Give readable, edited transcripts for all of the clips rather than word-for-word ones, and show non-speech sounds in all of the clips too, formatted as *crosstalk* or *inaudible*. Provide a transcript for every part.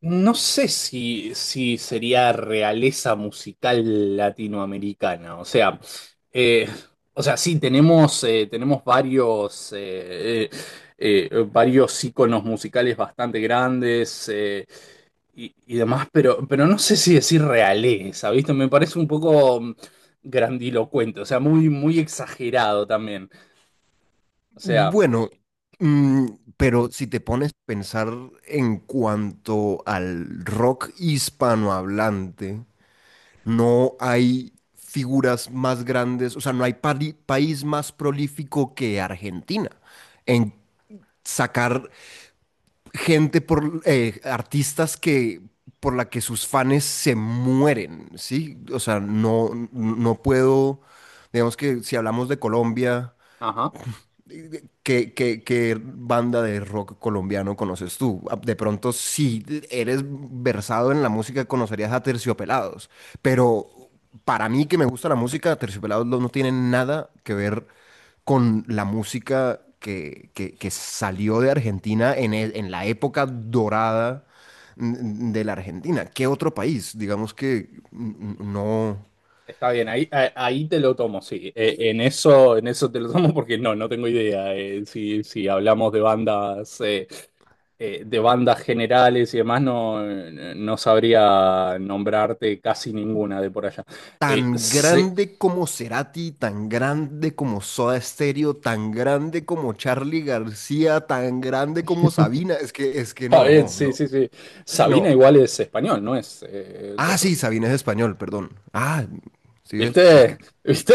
No sé si sería realeza musical latinoamericana. Eh, o sea, sí, tenemos varios, varios íconos musicales bastante grandes y demás, pero no sé si decir realeza, ¿viste? Me parece un poco grandilocuente, o sea, muy, muy exagerado también. O sea, Bueno, mm, pero si te pones a pensar en cuanto al rock hispanohablante, no hay figuras más grandes, o sea, no hay país más prolífico que Argentina en sacar gente por artistas que por la que sus fans se mueren, ¿sí? O sea, no, no puedo, digamos que si hablamos de Colombia. ajá. ¿Qué, qué, qué banda de rock colombiano conoces tú? Ah, de pronto, si eres versado en la música, conocerías a Terciopelados. Pero para mí, que me gusta la música, Terciopelados no tiene nada que ver con la música que salió de Argentina en la época dorada de la Argentina. ¿Qué otro país? Digamos que no. Está bien, ahí, ahí te lo tomo, sí. En eso te lo tomo porque no, no tengo idea. Si hablamos de bandas generales y demás, no, no sabría nombrarte casi ninguna de por allá. Tan Sí, grande como Cerati, tan grande como Soda Stereo, tan grande como Charly García, tan grande como Sabina. Es que está bien, no, sí, no, sí, sí. Sabina no. igual es español, no es Ah, cosa. sí, Sabina es español, perdón. Ah, sí es. Es que ¿Viste? ¿Viste?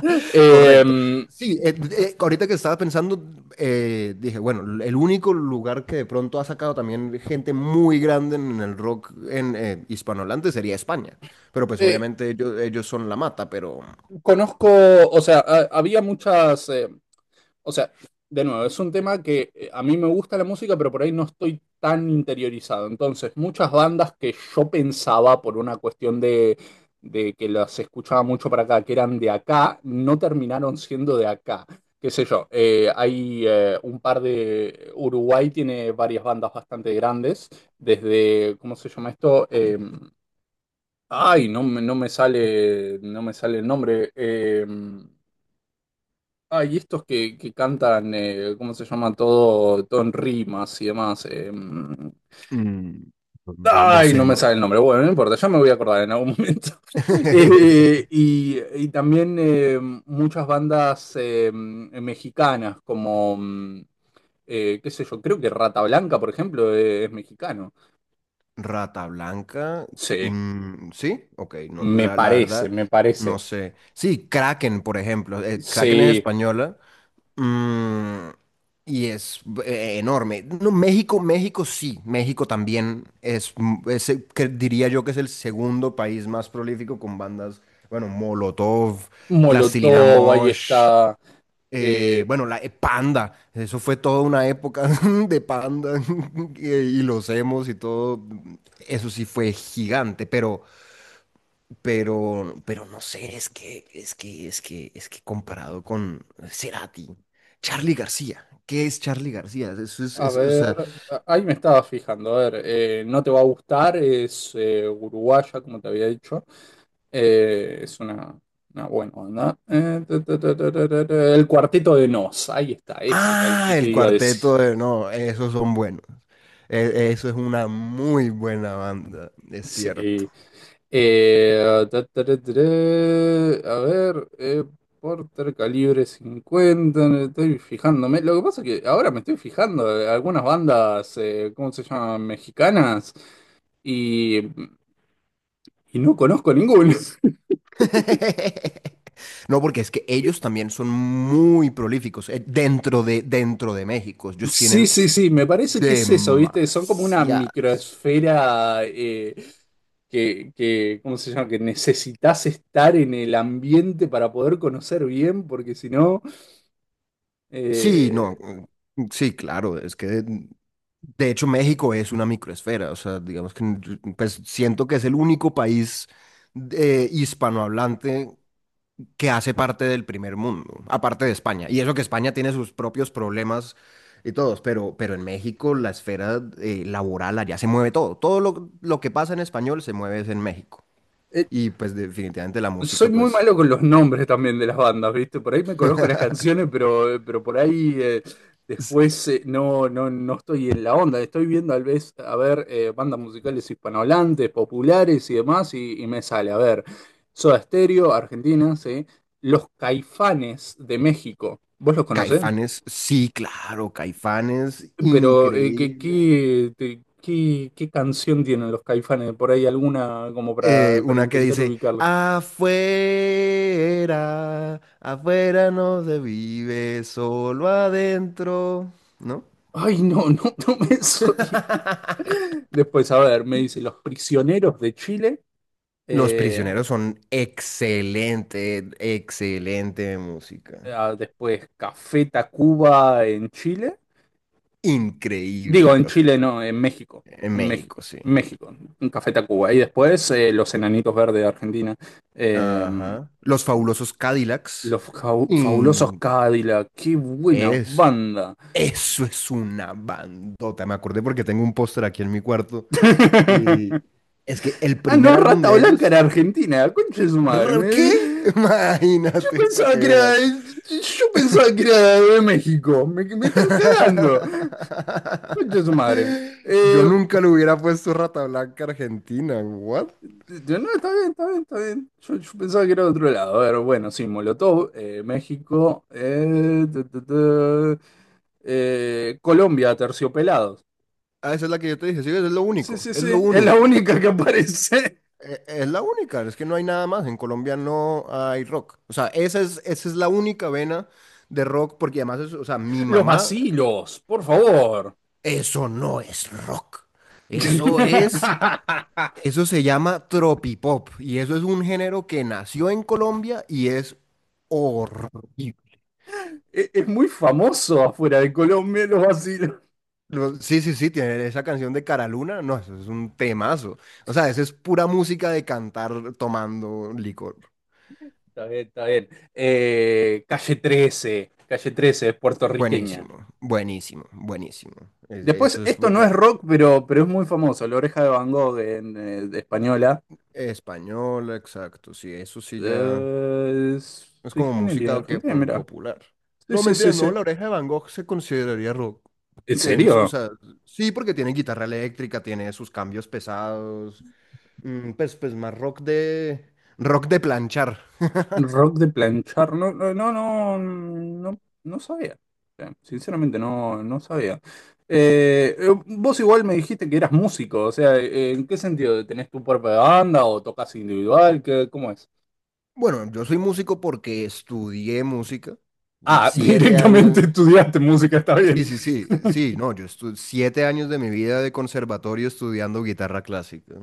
*laughs* Eh, correcto. Sí, ahorita que estaba pensando, dije, bueno, el único lugar que de pronto ha sacado también gente muy grande en el rock en hispanohablante sería España. Pero pues eh, obviamente ellos son la mata, pero conozco, o sea, había muchas. O sea, de nuevo, es un tema que a mí me gusta la música, pero por ahí no estoy tan interiorizado. Entonces, muchas bandas que yo pensaba por una cuestión de que las escuchaba mucho para acá, que eran de acá, no terminaron siendo de acá. Qué sé yo, hay un par de Uruguay tiene varias bandas bastante grandes, desde, ¿cómo se llama esto? Ay, no, no me sale, no me sale el nombre. Ah, y estos que cantan, ¿cómo se llama? Todo, todo en rimas y demás. Mm, no, no Ay, no sé, me ¿no? sale el nombre. Bueno, no importa, ya me voy a acordar en algún momento. *laughs* *laughs* Y también muchas bandas mexicanas, como, qué sé yo, creo que Rata Blanca, por ejemplo, es mexicano. Rata Blanca, Sí, sí, ok, no, me la parece, verdad, me no parece. sé. Sí, Kraken, por ejemplo, Kraken es Sí, española. Mm, y es enorme. No, México, México sí, México también es, que diría yo que es el segundo país más prolífico con bandas, bueno, Molotov, Plastilina Molotov, ahí Mosh, está. Eh, bueno, la Panda, eso fue toda una época *laughs* de Panda *laughs* y los emos y todo, eso sí fue gigante, pero... pero no sé, es que comparado con Cerati, Charly García, ¿qué es Charly García? Eso es, A o sea, ver, ahí me estaba fijando, a ver, no te va a gustar, es uruguaya, como te había dicho, es una buena onda. El Cuarteto de Nos, ahí está, ese era el ah, que te el iba a decir. cuarteto de, no, esos son buenos. Eso es una muy buena banda, es cierto. Sí. A ver, Porter, Calibre 50, me estoy fijándome. Lo que pasa es que ahora me estoy fijando, algunas bandas, ¿cómo se llaman? Mexicanas. Y no conozco ninguno. *laughs* *laughs* No, porque es que ellos también son muy prolíficos dentro de México. Ellos Sí, tienen sí, sí, me parece que es eso, ¿viste? Son como una demasiadas. microesfera ¿cómo se llama? Que necesitas estar en el ambiente para poder conocer bien, porque si no, Sí, eh, no, mm, sí, claro, es que de hecho México es una microesfera, o sea, digamos que yo, pues siento que es el único país hispanohablante que hace parte del primer mundo, aparte de España, y eso que España tiene sus propios problemas y todos, pero en México la esfera laboral allá se mueve todo, lo que pasa en español se mueve es en México, eh, y pues definitivamente la soy música, muy pues malo con los nombres también de las bandas, ¿viste? Por ahí me conozco las canciones, pero por ahí después, no, no, no estoy en la onda. Estoy viendo tal vez, a ver, bandas musicales hispanohablantes, populares y demás, y me sale, a ver, Soda Stereo, Argentina, ¿sí? Los Caifanes de México, ¿vos los conocés? Caifanes, sí, claro, Caifanes, Pero, increíble. Qué canción tienen los Caifanes? Por ahí alguna como para Una que intentar dice, ubicarla. afuera, afuera no se vive, solo adentro, ¿no? Ay, no, no, no me *laughs* soy. *laughs* Después, a ver, me dice Los Prisioneros de Chile. Los eh, prisioneros son excelente, excelente música. ah, después Café Tacuba en Chile. Digo, Increíble en Café Chile Tac- no, en México. En En México, México. sí. en México, en Café Tacuba. Y después Los Enanitos Verdes de Argentina. eh, Ajá. Los fabulosos Cadillacs. los Fabulosos Y Cadillac. Qué buena es, banda. eso es una bandota. Me acordé porque tengo un póster aquí en mi cuarto. Y *laughs* es que el Ah, primer no, álbum Rata de Blanca ellos, era argentina. Concha de su madre. ¿Qué? *laughs* Yo Imagínate, para pensaba que que era, veas. yo pensaba que era de México. Me están cagando. Concha de su madre. *laughs* Eh, Yo nunca le hubiera puesto Rata Blanca Argentina, ¿what? yo, no, está bien, está bien, está bien. Yo pensaba que era de otro lado. A ver, bueno, sí, Molotov, México, Colombia, Terciopelados. Ah, esa es la que yo te dije, sí, ves, es lo Sí, único, sí, es sí, lo es la único. única que aparece. Es la única, es que no hay nada más. En Colombia no hay rock. O sea, esa es la única vena de rock, porque además, o sea, mi Los mamá, asilos, por favor. eso no es rock. Eso es. *laughs* Eso se llama tropipop y eso es un género que nació en Colombia y es horrible. Es muy famoso afuera de Colombia los asilos. Sí, sí, sí, tiene esa canción de Cara Luna, no, eso es un temazo. O sea, eso es pura música de cantar tomando licor. Está bien, está bien. Calle 13, Calle 13, es puertorriqueña. Buenísimo, buenísimo, buenísimo. Es- Después, Eso es esto un- no ya- es rock, pero es muy famoso. La Oreja de Van Gogh en, de española. español, exacto, sí, eso sí ya. Eh, Es Sui como generis, música que Argentina, como mira. popular. Sí, No, sí, mentira, sí, sí. no, La Oreja de Van Gogh se consideraría rock. ¿En Tienen o serio? sea, sí, porque tiene guitarra eléctrica, tiene sus cambios pesados, pues más rock de planchar. Rock de planchar. No, no, no, no, no, no sabía. Sinceramente, no, no sabía. Vos igual me dijiste que eras músico, o sea, ¿en qué sentido? ¿Tenés tu propia banda o tocas individual? ¿Qué, cómo es? Bueno, yo soy músico porque estudié música. Ah, *laughs* Siete directamente años. estudiaste música, está bien. Sí, sí, sí, sí, *laughs* no, yo estuve 7 años de mi vida de conservatorio estudiando guitarra clásica.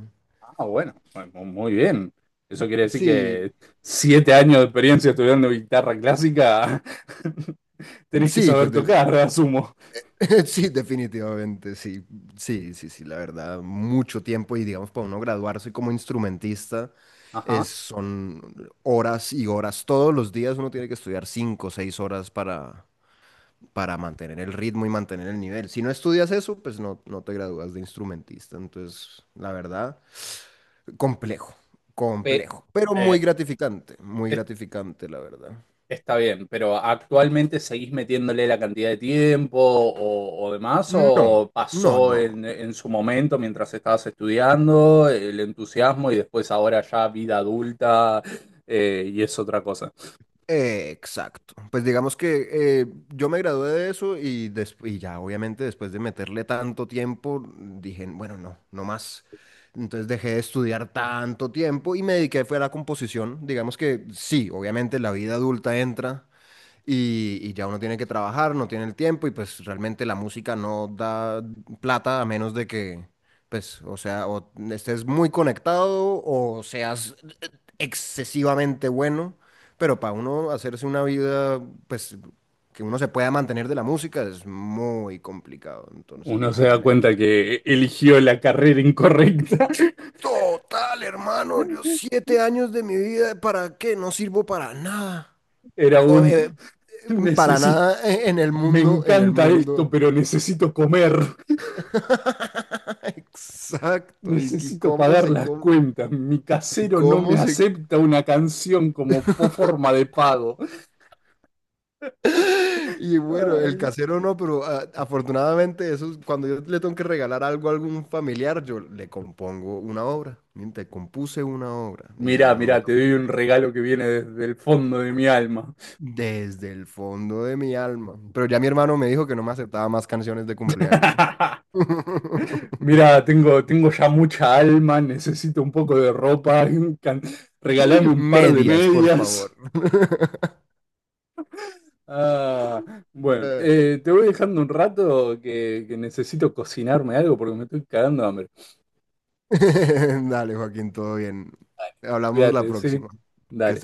Ah, bueno, pues, muy bien. Eso quiere decir Sí, que 7 años de experiencia estudiando guitarra clásica, *laughs* tenés que sí, pues saber de- tocar, asumo. *laughs* Sí, definitivamente, sí, sí, sí, sí, la verdad, mucho tiempo y digamos para uno graduarse como instrumentista es, Ajá. son horas y horas, todos los días uno tiene que estudiar 5 o 6 horas para mantener el ritmo y mantener el nivel. Si no estudias eso, pues no, no te gradúas de instrumentista, entonces la verdad, complejo, Pe- complejo, pero eh, muy es- gratificante, la verdad. está bien, pero ¿actualmente seguís metiéndole la cantidad de tiempo o demás? No, ¿O no, pasó no. en, su momento mientras estabas estudiando el entusiasmo y después ahora ya vida adulta y es otra cosa? Exacto. Pues digamos que yo me gradué de eso y, y ya obviamente después de meterle tanto tiempo dije, bueno, no, no más. Entonces dejé de estudiar tanto tiempo y me dediqué fue a la composición. Digamos que sí, obviamente la vida adulta entra y ya uno tiene que trabajar, no tiene el tiempo y pues realmente la música no da plata a menos de que, pues, o sea, o estés muy conectado o seas excesivamente bueno, pero para uno hacerse una vida, pues, que uno se pueda mantener de la música es muy complicado, Uno entonces se da realmente. cuenta que eligió la carrera incorrecta. Total, hermano, yo *laughs* 7 años de mi vida, ¿para qué? No sirvo para nada. Era O, un para necesito, nada en el me mundo, en el encanta esto, mundo. pero necesito comer, Exacto, y necesito cómo pagar se las come, cuentas. Mi y casero no me cómo se... acepta una canción como forma de pago. Y bueno, el Ay. casero no, pero afortunadamente eso, cuando yo le tengo que regalar algo a algún familiar, yo le compongo una obra, miren, te compuse una obra, y ya Mirá, no me mirá, te toca. doy un regalo que viene desde el fondo de mi alma. Desde el fondo de mi alma. Pero ya mi hermano me dijo que no me aceptaba más canciones de cumpleaños. *laughs* *laughs* Mirá, tengo ya mucha alma, necesito un poco de ropa, can- regalame un par de Medias, por medias. favor. *laughs* Ah, bueno, Ay. Te voy dejando un rato que necesito cocinarme algo porque me estoy cagando de hambre. *laughs* Dale, Joaquín, todo bien. Hablamos la Cuídate, sí. próxima. Que Dale. estés